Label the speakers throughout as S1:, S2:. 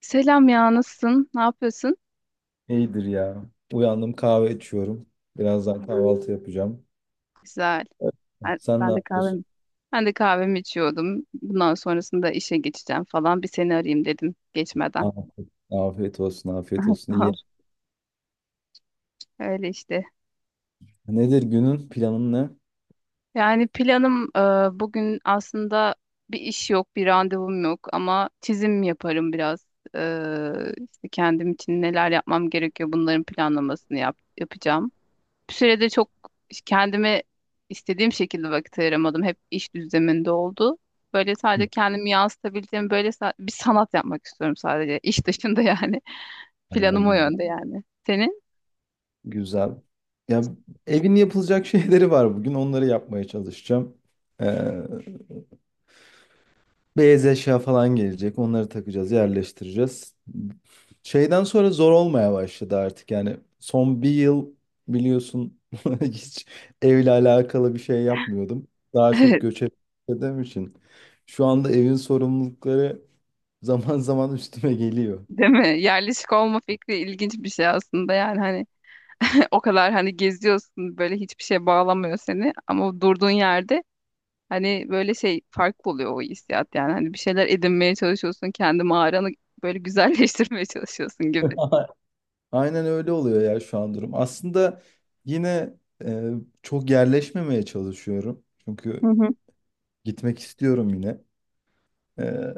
S1: Selam ya, nasılsın? Ne yapıyorsun?
S2: İyidir ya. Uyandım, kahve içiyorum. Birazdan kahvaltı yapacağım.
S1: Güzel. Ben,
S2: Sen ne
S1: ben de
S2: yapıyorsun?
S1: kahvemi, ben de kahvemi içiyordum. Bundan sonrasında işe geçeceğim falan. Bir seni arayayım dedim geçmeden.
S2: Afiyet olsun, afiyet olsun.
S1: Tamam.
S2: İyi.
S1: Öyle işte.
S2: Nedir günün planın ne?
S1: Yani planım bugün aslında bir iş yok, bir randevum yok ama çizim yaparım biraz. E, işte kendim için neler yapmam gerekiyor bunların planlamasını yapacağım. Bir süredir çok kendime istediğim şekilde vakit ayıramadım. Hep iş düzleminde oldu. Böyle
S2: Hı.
S1: sadece kendimi yansıtabildiğim böyle bir sanat yapmak istiyorum sadece. İş dışında yani.
S2: Vallahi
S1: Planım o
S2: güzel.
S1: yönde yani. Senin?
S2: Güzel. Ya, evin yapılacak şeyleri var bugün. Onları yapmaya çalışacağım. Ee, Beyaz eşya falan gelecek. Onları takacağız, yerleştireceğiz. Şeyden sonra zor olmaya başladı artık. Yani son bir yıl biliyorsun hiç evle alakalı bir şey yapmıyordum. Daha çok göç ettiğim için. Şu anda evin sorumlulukları zaman zaman üstüme geliyor.
S1: Değil mi? Yerleşik olma fikri ilginç bir şey aslında yani hani o kadar hani geziyorsun böyle hiçbir şeye bağlamıyor seni ama o durduğun yerde hani böyle şey farklı oluyor o hissiyat yani hani bir şeyler edinmeye çalışıyorsun kendi mağaranı böyle güzelleştirmeye çalışıyorsun gibi.
S2: Aynen öyle oluyor ya şu an durum. Aslında yine e, çok yerleşmemeye çalışıyorum.
S1: Hı
S2: Çünkü
S1: hı.
S2: gitmek istiyorum yine. Ee,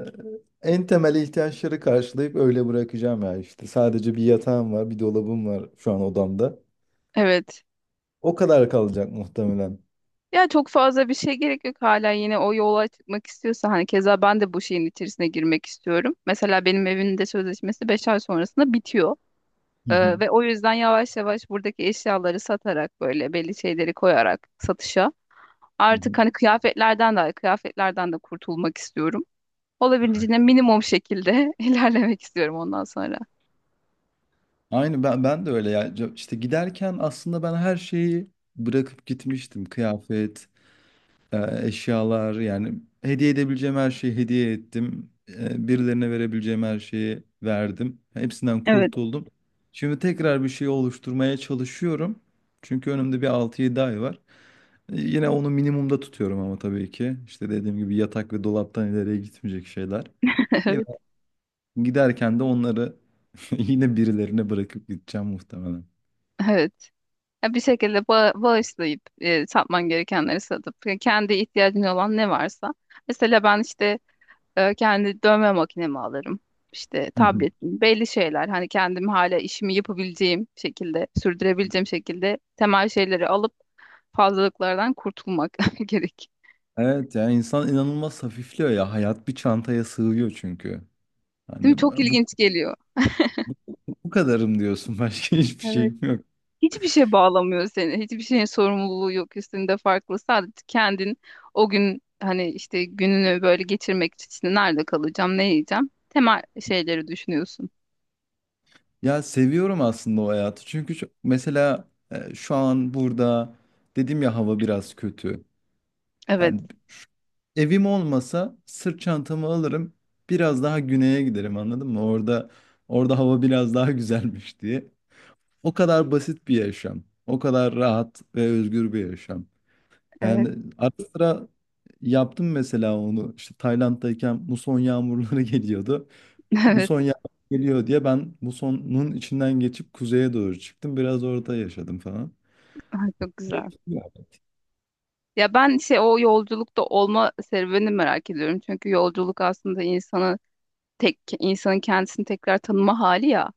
S2: En temel ihtiyaçları karşılayıp öyle bırakacağım ya işte. Sadece bir yatağım var, bir dolabım var şu an odamda.
S1: Evet.
S2: O kadar kalacak muhtemelen.
S1: Ya çok fazla bir şey gerek yok hala yine o yola çıkmak istiyorsa hani keza ben de bu şeyin içerisine girmek istiyorum. Mesela benim evin de sözleşmesi 5 ay sonrasında bitiyor.
S2: Hı hı,
S1: Ve o yüzden yavaş yavaş buradaki eşyaları satarak böyle belli şeyleri koyarak satışa
S2: hı
S1: artık
S2: hı.
S1: hani kıyafetlerden de kurtulmak istiyorum. Olabildiğince minimum şekilde ilerlemek istiyorum ondan sonra.
S2: Aynı ben de öyle ya. İşte giderken aslında ben her şeyi bırakıp gitmiştim. Kıyafet, eşyalar, yani hediye edebileceğim her şeyi hediye ettim. Birilerine verebileceğim her şeyi verdim. Hepsinden
S1: Evet.
S2: kurtuldum. Şimdi tekrar bir şey oluşturmaya çalışıyorum. Çünkü önümde bir 6-7 ay var. Yine onu minimumda tutuyorum ama tabii ki. İşte dediğim gibi yatak ve dolaptan ileriye gitmeyecek şeyler. Yine
S1: Evet,
S2: giderken de onları yine birilerine bırakıp gideceğim muhtemelen.
S1: evet. Ya bir şekilde bağışlayıp satman gerekenleri satıp kendi ihtiyacın olan ne varsa. Mesela ben işte kendi dövme makinemi alırım. İşte
S2: Hı hı.
S1: tabletim, belli şeyler hani kendim hala işimi yapabileceğim şekilde, sürdürebileceğim şekilde temel şeyleri alıp fazlalıklardan kurtulmak gerek.
S2: Evet ya, insan inanılmaz hafifliyor ya. Hayat bir çantaya sığıyor çünkü.
S1: Değil mi?
S2: Hani
S1: Çok ilginç geliyor.
S2: bu, bu kadarım diyorsun. Başka hiçbir
S1: Evet.
S2: şeyim yok.
S1: Hiçbir şey bağlamıyor seni. Hiçbir şeyin sorumluluğu yok üstünde farklı. Sadece kendin o gün hani işte gününü böyle geçirmek için işte nerede kalacağım, ne yiyeceğim? Temel şeyleri düşünüyorsun.
S2: Ya, seviyorum aslında o hayatı. Çünkü mesela şu an burada, dedim ya, hava biraz kötü.
S1: Evet,
S2: Yani evim olmasa sırt çantamı alırım. Biraz daha güneye giderim, anladın mı? Orada hava biraz daha güzelmiş diye. O kadar basit bir yaşam. O kadar rahat ve özgür bir yaşam.
S1: evet,
S2: Yani ara sıra yaptım mesela onu. İşte Tayland'dayken muson yağmurları geliyordu.
S1: evet.
S2: Muson yağmur geliyor diye ben musonun içinden geçip kuzeye doğru çıktım. Biraz orada yaşadım falan.
S1: Ay, çok güzel.
S2: Ya.
S1: Ya ben şey o yolculukta olma serüvenini merak ediyorum. Çünkü yolculuk aslında insanı tek insanın kendisini tekrar tanıma hali ya.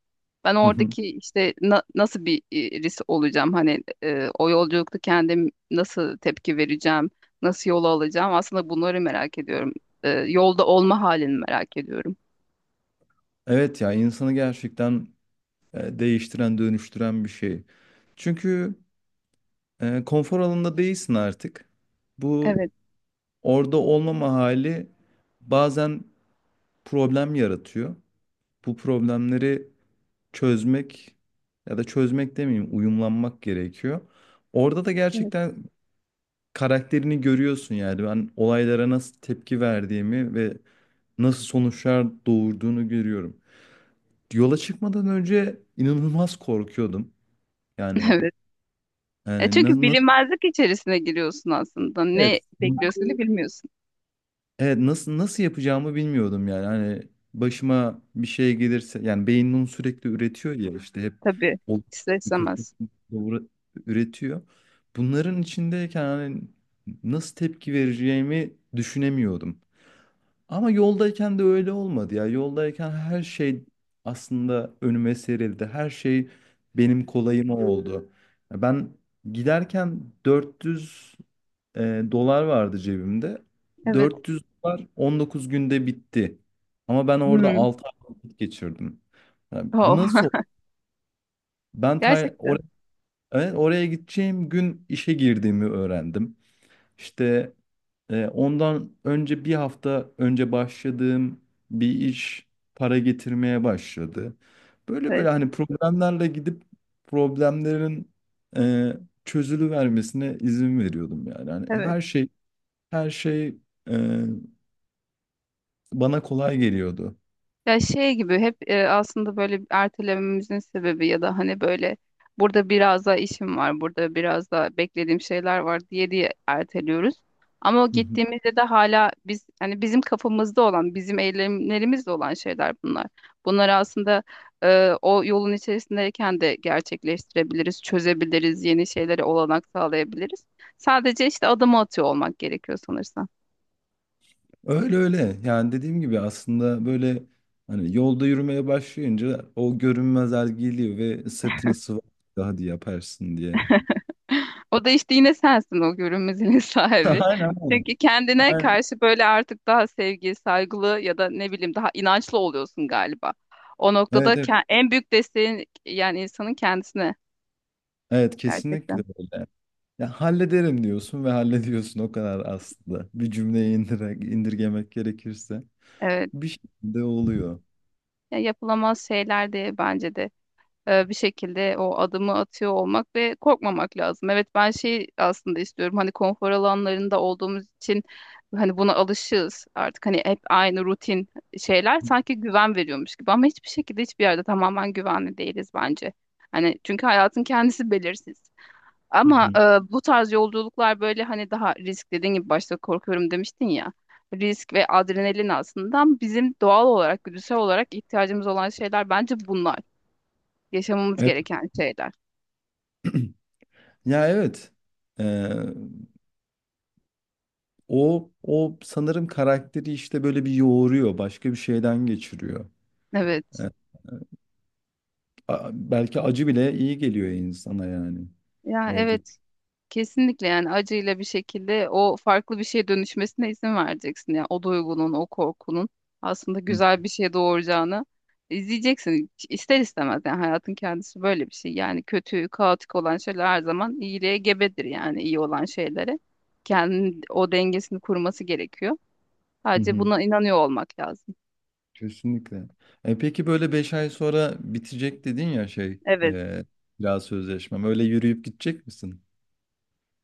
S1: Ben
S2: Hı hı.
S1: oradaki işte nasıl bir olacağım hani o yolculukta kendim nasıl tepki vereceğim, nasıl yol alacağım aslında bunları merak ediyorum. Yolda olma halini merak ediyorum.
S2: Evet ya, insanı gerçekten değiştiren, dönüştüren bir şey. Çünkü konfor alanında değilsin artık. Bu
S1: Evet.
S2: orada olmama hali bazen problem yaratıyor. Bu problemleri çözmek, ya da çözmek demeyeyim, uyumlanmak gerekiyor. Orada da
S1: Evet.
S2: gerçekten karakterini görüyorsun, yani ben olaylara nasıl tepki verdiğimi ve nasıl sonuçlar doğurduğunu görüyorum. Yola çıkmadan önce inanılmaz korkuyordum. Yani
S1: Evet. E
S2: yani
S1: çünkü
S2: na- nasıl
S1: bilinmezlik içerisine giriyorsun aslında. Ne
S2: evet
S1: bekliyorsun da bilmiyorsun.
S2: Evet nasıl yapacağımı bilmiyordum, yani, hani başıma bir şey gelirse, yani beyin bunu sürekli üretiyor ya işte hep
S1: Tabii.
S2: o
S1: İster
S2: kötü,
S1: istemez.
S2: doğru üretiyor. Bunların içindeyken hani nasıl tepki vereceğimi düşünemiyordum. Ama yoldayken de öyle olmadı ya. Yoldayken her şey aslında önüme serildi. Her şey benim kolayıma oldu. Ben giderken 400 dolar vardı cebimde.
S1: Evet.
S2: 400 dolar 19 günde bitti. Ama ben orada
S1: Hmm.
S2: 6 ay vakit geçirdim. Yani bu
S1: Oh.
S2: nasıl? Ben
S1: Gerçekten.
S2: oraya, evet, oraya gideceğim gün işe girdiğimi öğrendim. İşte ondan önce, bir hafta önce başladığım bir iş para getirmeye başladı. Böyle böyle
S1: Evet.
S2: hani problemlerle gidip problemlerin e, çözülü vermesine izin veriyordum yani. Hani
S1: Evet.
S2: her şey e, bana kolay geliyordu.
S1: Ya şey gibi hep aslında böyle ertelememizin sebebi ya da hani böyle burada biraz daha işim var, burada biraz daha beklediğim şeyler var diye diye erteliyoruz. Ama o
S2: Hı hı.
S1: gittiğimizde de hala biz hani bizim kafamızda olan, bizim eylemlerimizde olan şeyler bunlar. Bunları aslında o yolun içerisindeyken de gerçekleştirebiliriz, çözebiliriz, yeni şeylere olanak sağlayabiliriz. Sadece işte adımı atıyor olmak gerekiyor sanırsam.
S2: Öyle öyle. Yani dediğim gibi aslında böyle hani yolda yürümeye başlayınca o görünmezler geliyor ve sırtını sıvazlıyor, hadi yaparsın diye.
S1: O da işte yine sensin o görünmezliğin sahibi.
S2: Aynen. Öyle.
S1: Çünkü kendine
S2: Aynen.
S1: karşı böyle artık daha sevgi, saygılı ya da ne bileyim daha inançlı oluyorsun galiba. O noktada
S2: Evet, evet.
S1: en büyük desteğin yani insanın kendisine
S2: Evet, kesinlikle
S1: gerçekten.
S2: öyle. Ya, hallederim diyorsun ve hallediyorsun, o kadar aslında. Bir cümleye indirgemek gerekirse
S1: Evet.
S2: bir şekilde oluyor.
S1: Ya yapılamaz şeyler diye bence de bir şekilde o adımı atıyor olmak ve korkmamak lazım. Evet ben şey aslında istiyorum hani konfor alanlarında olduğumuz için hani buna alışığız artık hani hep aynı rutin şeyler sanki güven veriyormuş gibi ama hiçbir şekilde hiçbir yerde tamamen güvenli değiliz bence. Hani çünkü hayatın kendisi belirsiz.
S2: Hı
S1: Ama
S2: hı.
S1: bu tarz yolculuklar böyle hani daha risk dediğin gibi başta korkuyorum demiştin ya. Risk ve adrenalin aslında bizim doğal olarak, güdüsel olarak ihtiyacımız olan şeyler bence bunlar yaşamamız
S2: Evet.
S1: gereken şeyler.
S2: Ya, evet. Ee, o sanırım karakteri işte böyle bir yoğuruyor, başka bir şeyden geçiriyor. E,
S1: Evet.
S2: Belki acı bile iyi geliyor insana yani.
S1: Ya
S2: Orada.
S1: evet. Kesinlikle yani acıyla bir şekilde o farklı bir şeye dönüşmesine izin vereceksin. Yani o duygunun, o korkunun aslında
S2: Hı,
S1: güzel bir şeye doğuracağını izleyeceksin. İster istemez yani hayatın kendisi böyle bir şey. Yani kötü, kaotik olan şeyler her zaman iyiliğe gebedir yani iyi olan şeylere. Kendi o dengesini kurması gerekiyor.
S2: hı,
S1: Sadece
S2: hı.
S1: buna inanıyor olmak lazım.
S2: Kesinlikle. Peki böyle 5 ay sonra bitecek dedin ya şey,
S1: Evet.
S2: biraz sözleşmem. Öyle yürüyüp gidecek misin?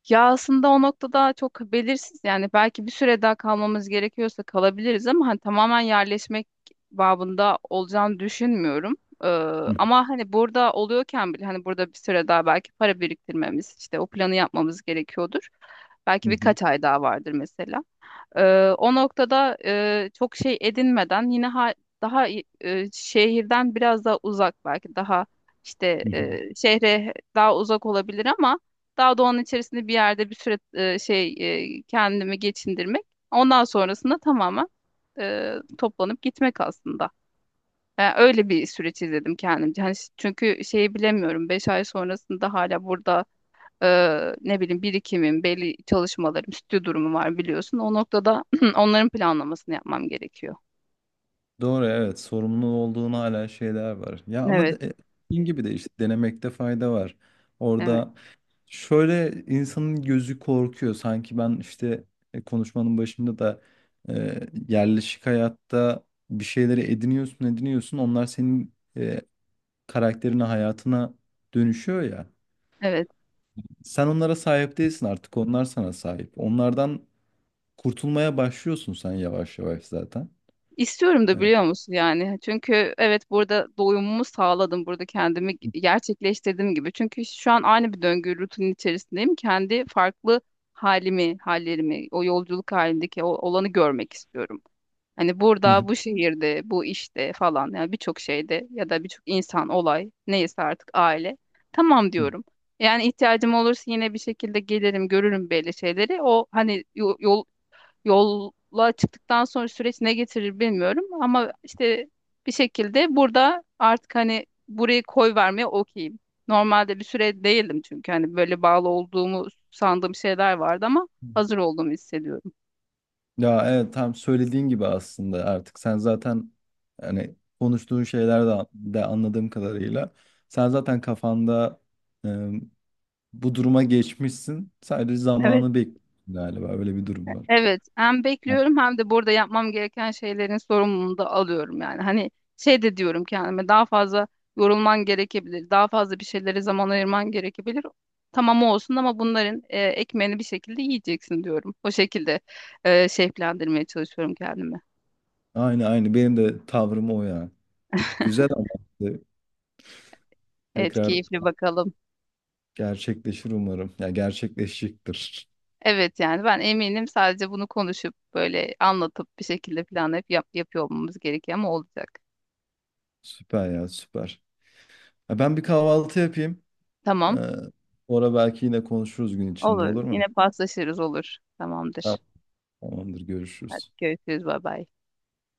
S1: Ya aslında o noktada çok belirsiz yani belki bir süre daha kalmamız gerekiyorsa kalabiliriz ama hani tamamen yerleşmek babında olacağını düşünmüyorum. Ee,
S2: Hı,
S1: Ama hani burada oluyorken bile hani burada bir süre daha belki para biriktirmemiz işte o planı yapmamız gerekiyordur.
S2: hı,
S1: Belki
S2: hı,
S1: birkaç ay daha vardır mesela. O noktada çok şey edinmeden yine daha şehirden biraz daha uzak belki daha işte
S2: hı, hı.
S1: şehre daha uzak olabilir ama daha doğanın içerisinde bir yerde bir süre kendimi geçindirmek. Ondan sonrasında tamamen toplanıp gitmek aslında. Yani öyle bir süreç izledim kendimce. Hani çünkü şeyi bilemiyorum 5 ay sonrasında hala burada ne bileyim birikimim, belli çalışmalarım, stüdyo durumu var biliyorsun. O noktada onların planlamasını yapmam gerekiyor.
S2: Doğru, evet, sorumlu olduğun hala şeyler var. Ya ama
S1: Evet,
S2: dediğin gibi de işte denemekte fayda var.
S1: evet,
S2: Orada Şöyle insanın gözü korkuyor. Sanki ben işte, konuşmanın başında da, e, yerleşik hayatta bir şeyleri ediniyorsun, ediniyorsun. Onlar senin karakterine, hayatına dönüşüyor ya.
S1: evet.
S2: Sen onlara sahip değilsin artık. Onlar sana sahip. Onlardan kurtulmaya başlıyorsun sen yavaş yavaş zaten.
S1: İstiyorum da biliyor musun yani. Çünkü evet burada doyumumu sağladım. Burada kendimi gerçekleştirdiğim gibi. Çünkü şu an aynı bir döngü rutinin içerisindeyim. Kendi farklı halimi, hallerimi, o yolculuk halindeki o olanı görmek istiyorum. Hani burada, bu şehirde, bu işte falan yani birçok şeyde ya da birçok insan, olay neyse artık aile. Tamam
S2: E,
S1: diyorum. Yani ihtiyacım olursa yine bir şekilde gelirim, görürüm belli şeyleri. O hani yol, yola çıktıktan sonra süreç ne getirir bilmiyorum ama işte bir şekilde burada artık hani burayı koy vermeye okeyim. Normalde bir süre değildim çünkü hani böyle bağlı olduğumu sandığım şeyler vardı ama hazır olduğumu hissediyorum.
S2: Ya evet, tam söylediğin gibi aslında artık sen zaten, hani konuştuğun şeyler de anladığım kadarıyla sen zaten kafanda e, bu duruma geçmişsin, sadece
S1: Evet.
S2: zamanı bekliyorsun galiba, öyle bir durum var.
S1: Evet, hem bekliyorum hem de burada yapmam gereken şeylerin sorumluluğunu da alıyorum yani. Hani şey de diyorum kendime daha fazla yorulman gerekebilir, daha fazla bir şeylere zaman ayırman gerekebilir. Tamam olsun ama bunların ekmeğini bir şekilde yiyeceksin diyorum. O şekilde şevklendirmeye çalışıyorum kendimi.
S2: Aynı, benim de tavrım o ya. Güzel ama işte
S1: Evet,
S2: tekrar
S1: keyifli bakalım.
S2: gerçekleşir umarım. Ya, gerçekleşecektir.
S1: Evet yani ben eminim sadece bunu konuşup böyle anlatıp bir şekilde planlayıp yapıyor olmamız gerekiyor ama olacak.
S2: Süper ya, süper. Ya ben bir kahvaltı yapayım. Ee,
S1: Tamam,
S2: Sonra belki yine konuşuruz gün içinde,
S1: olur.
S2: olur
S1: Yine
S2: mu?
S1: paslaşırız olur. Tamamdır.
S2: Tamam, tamamdır,
S1: Hadi
S2: görüşürüz.
S1: görüşürüz. Bay bay.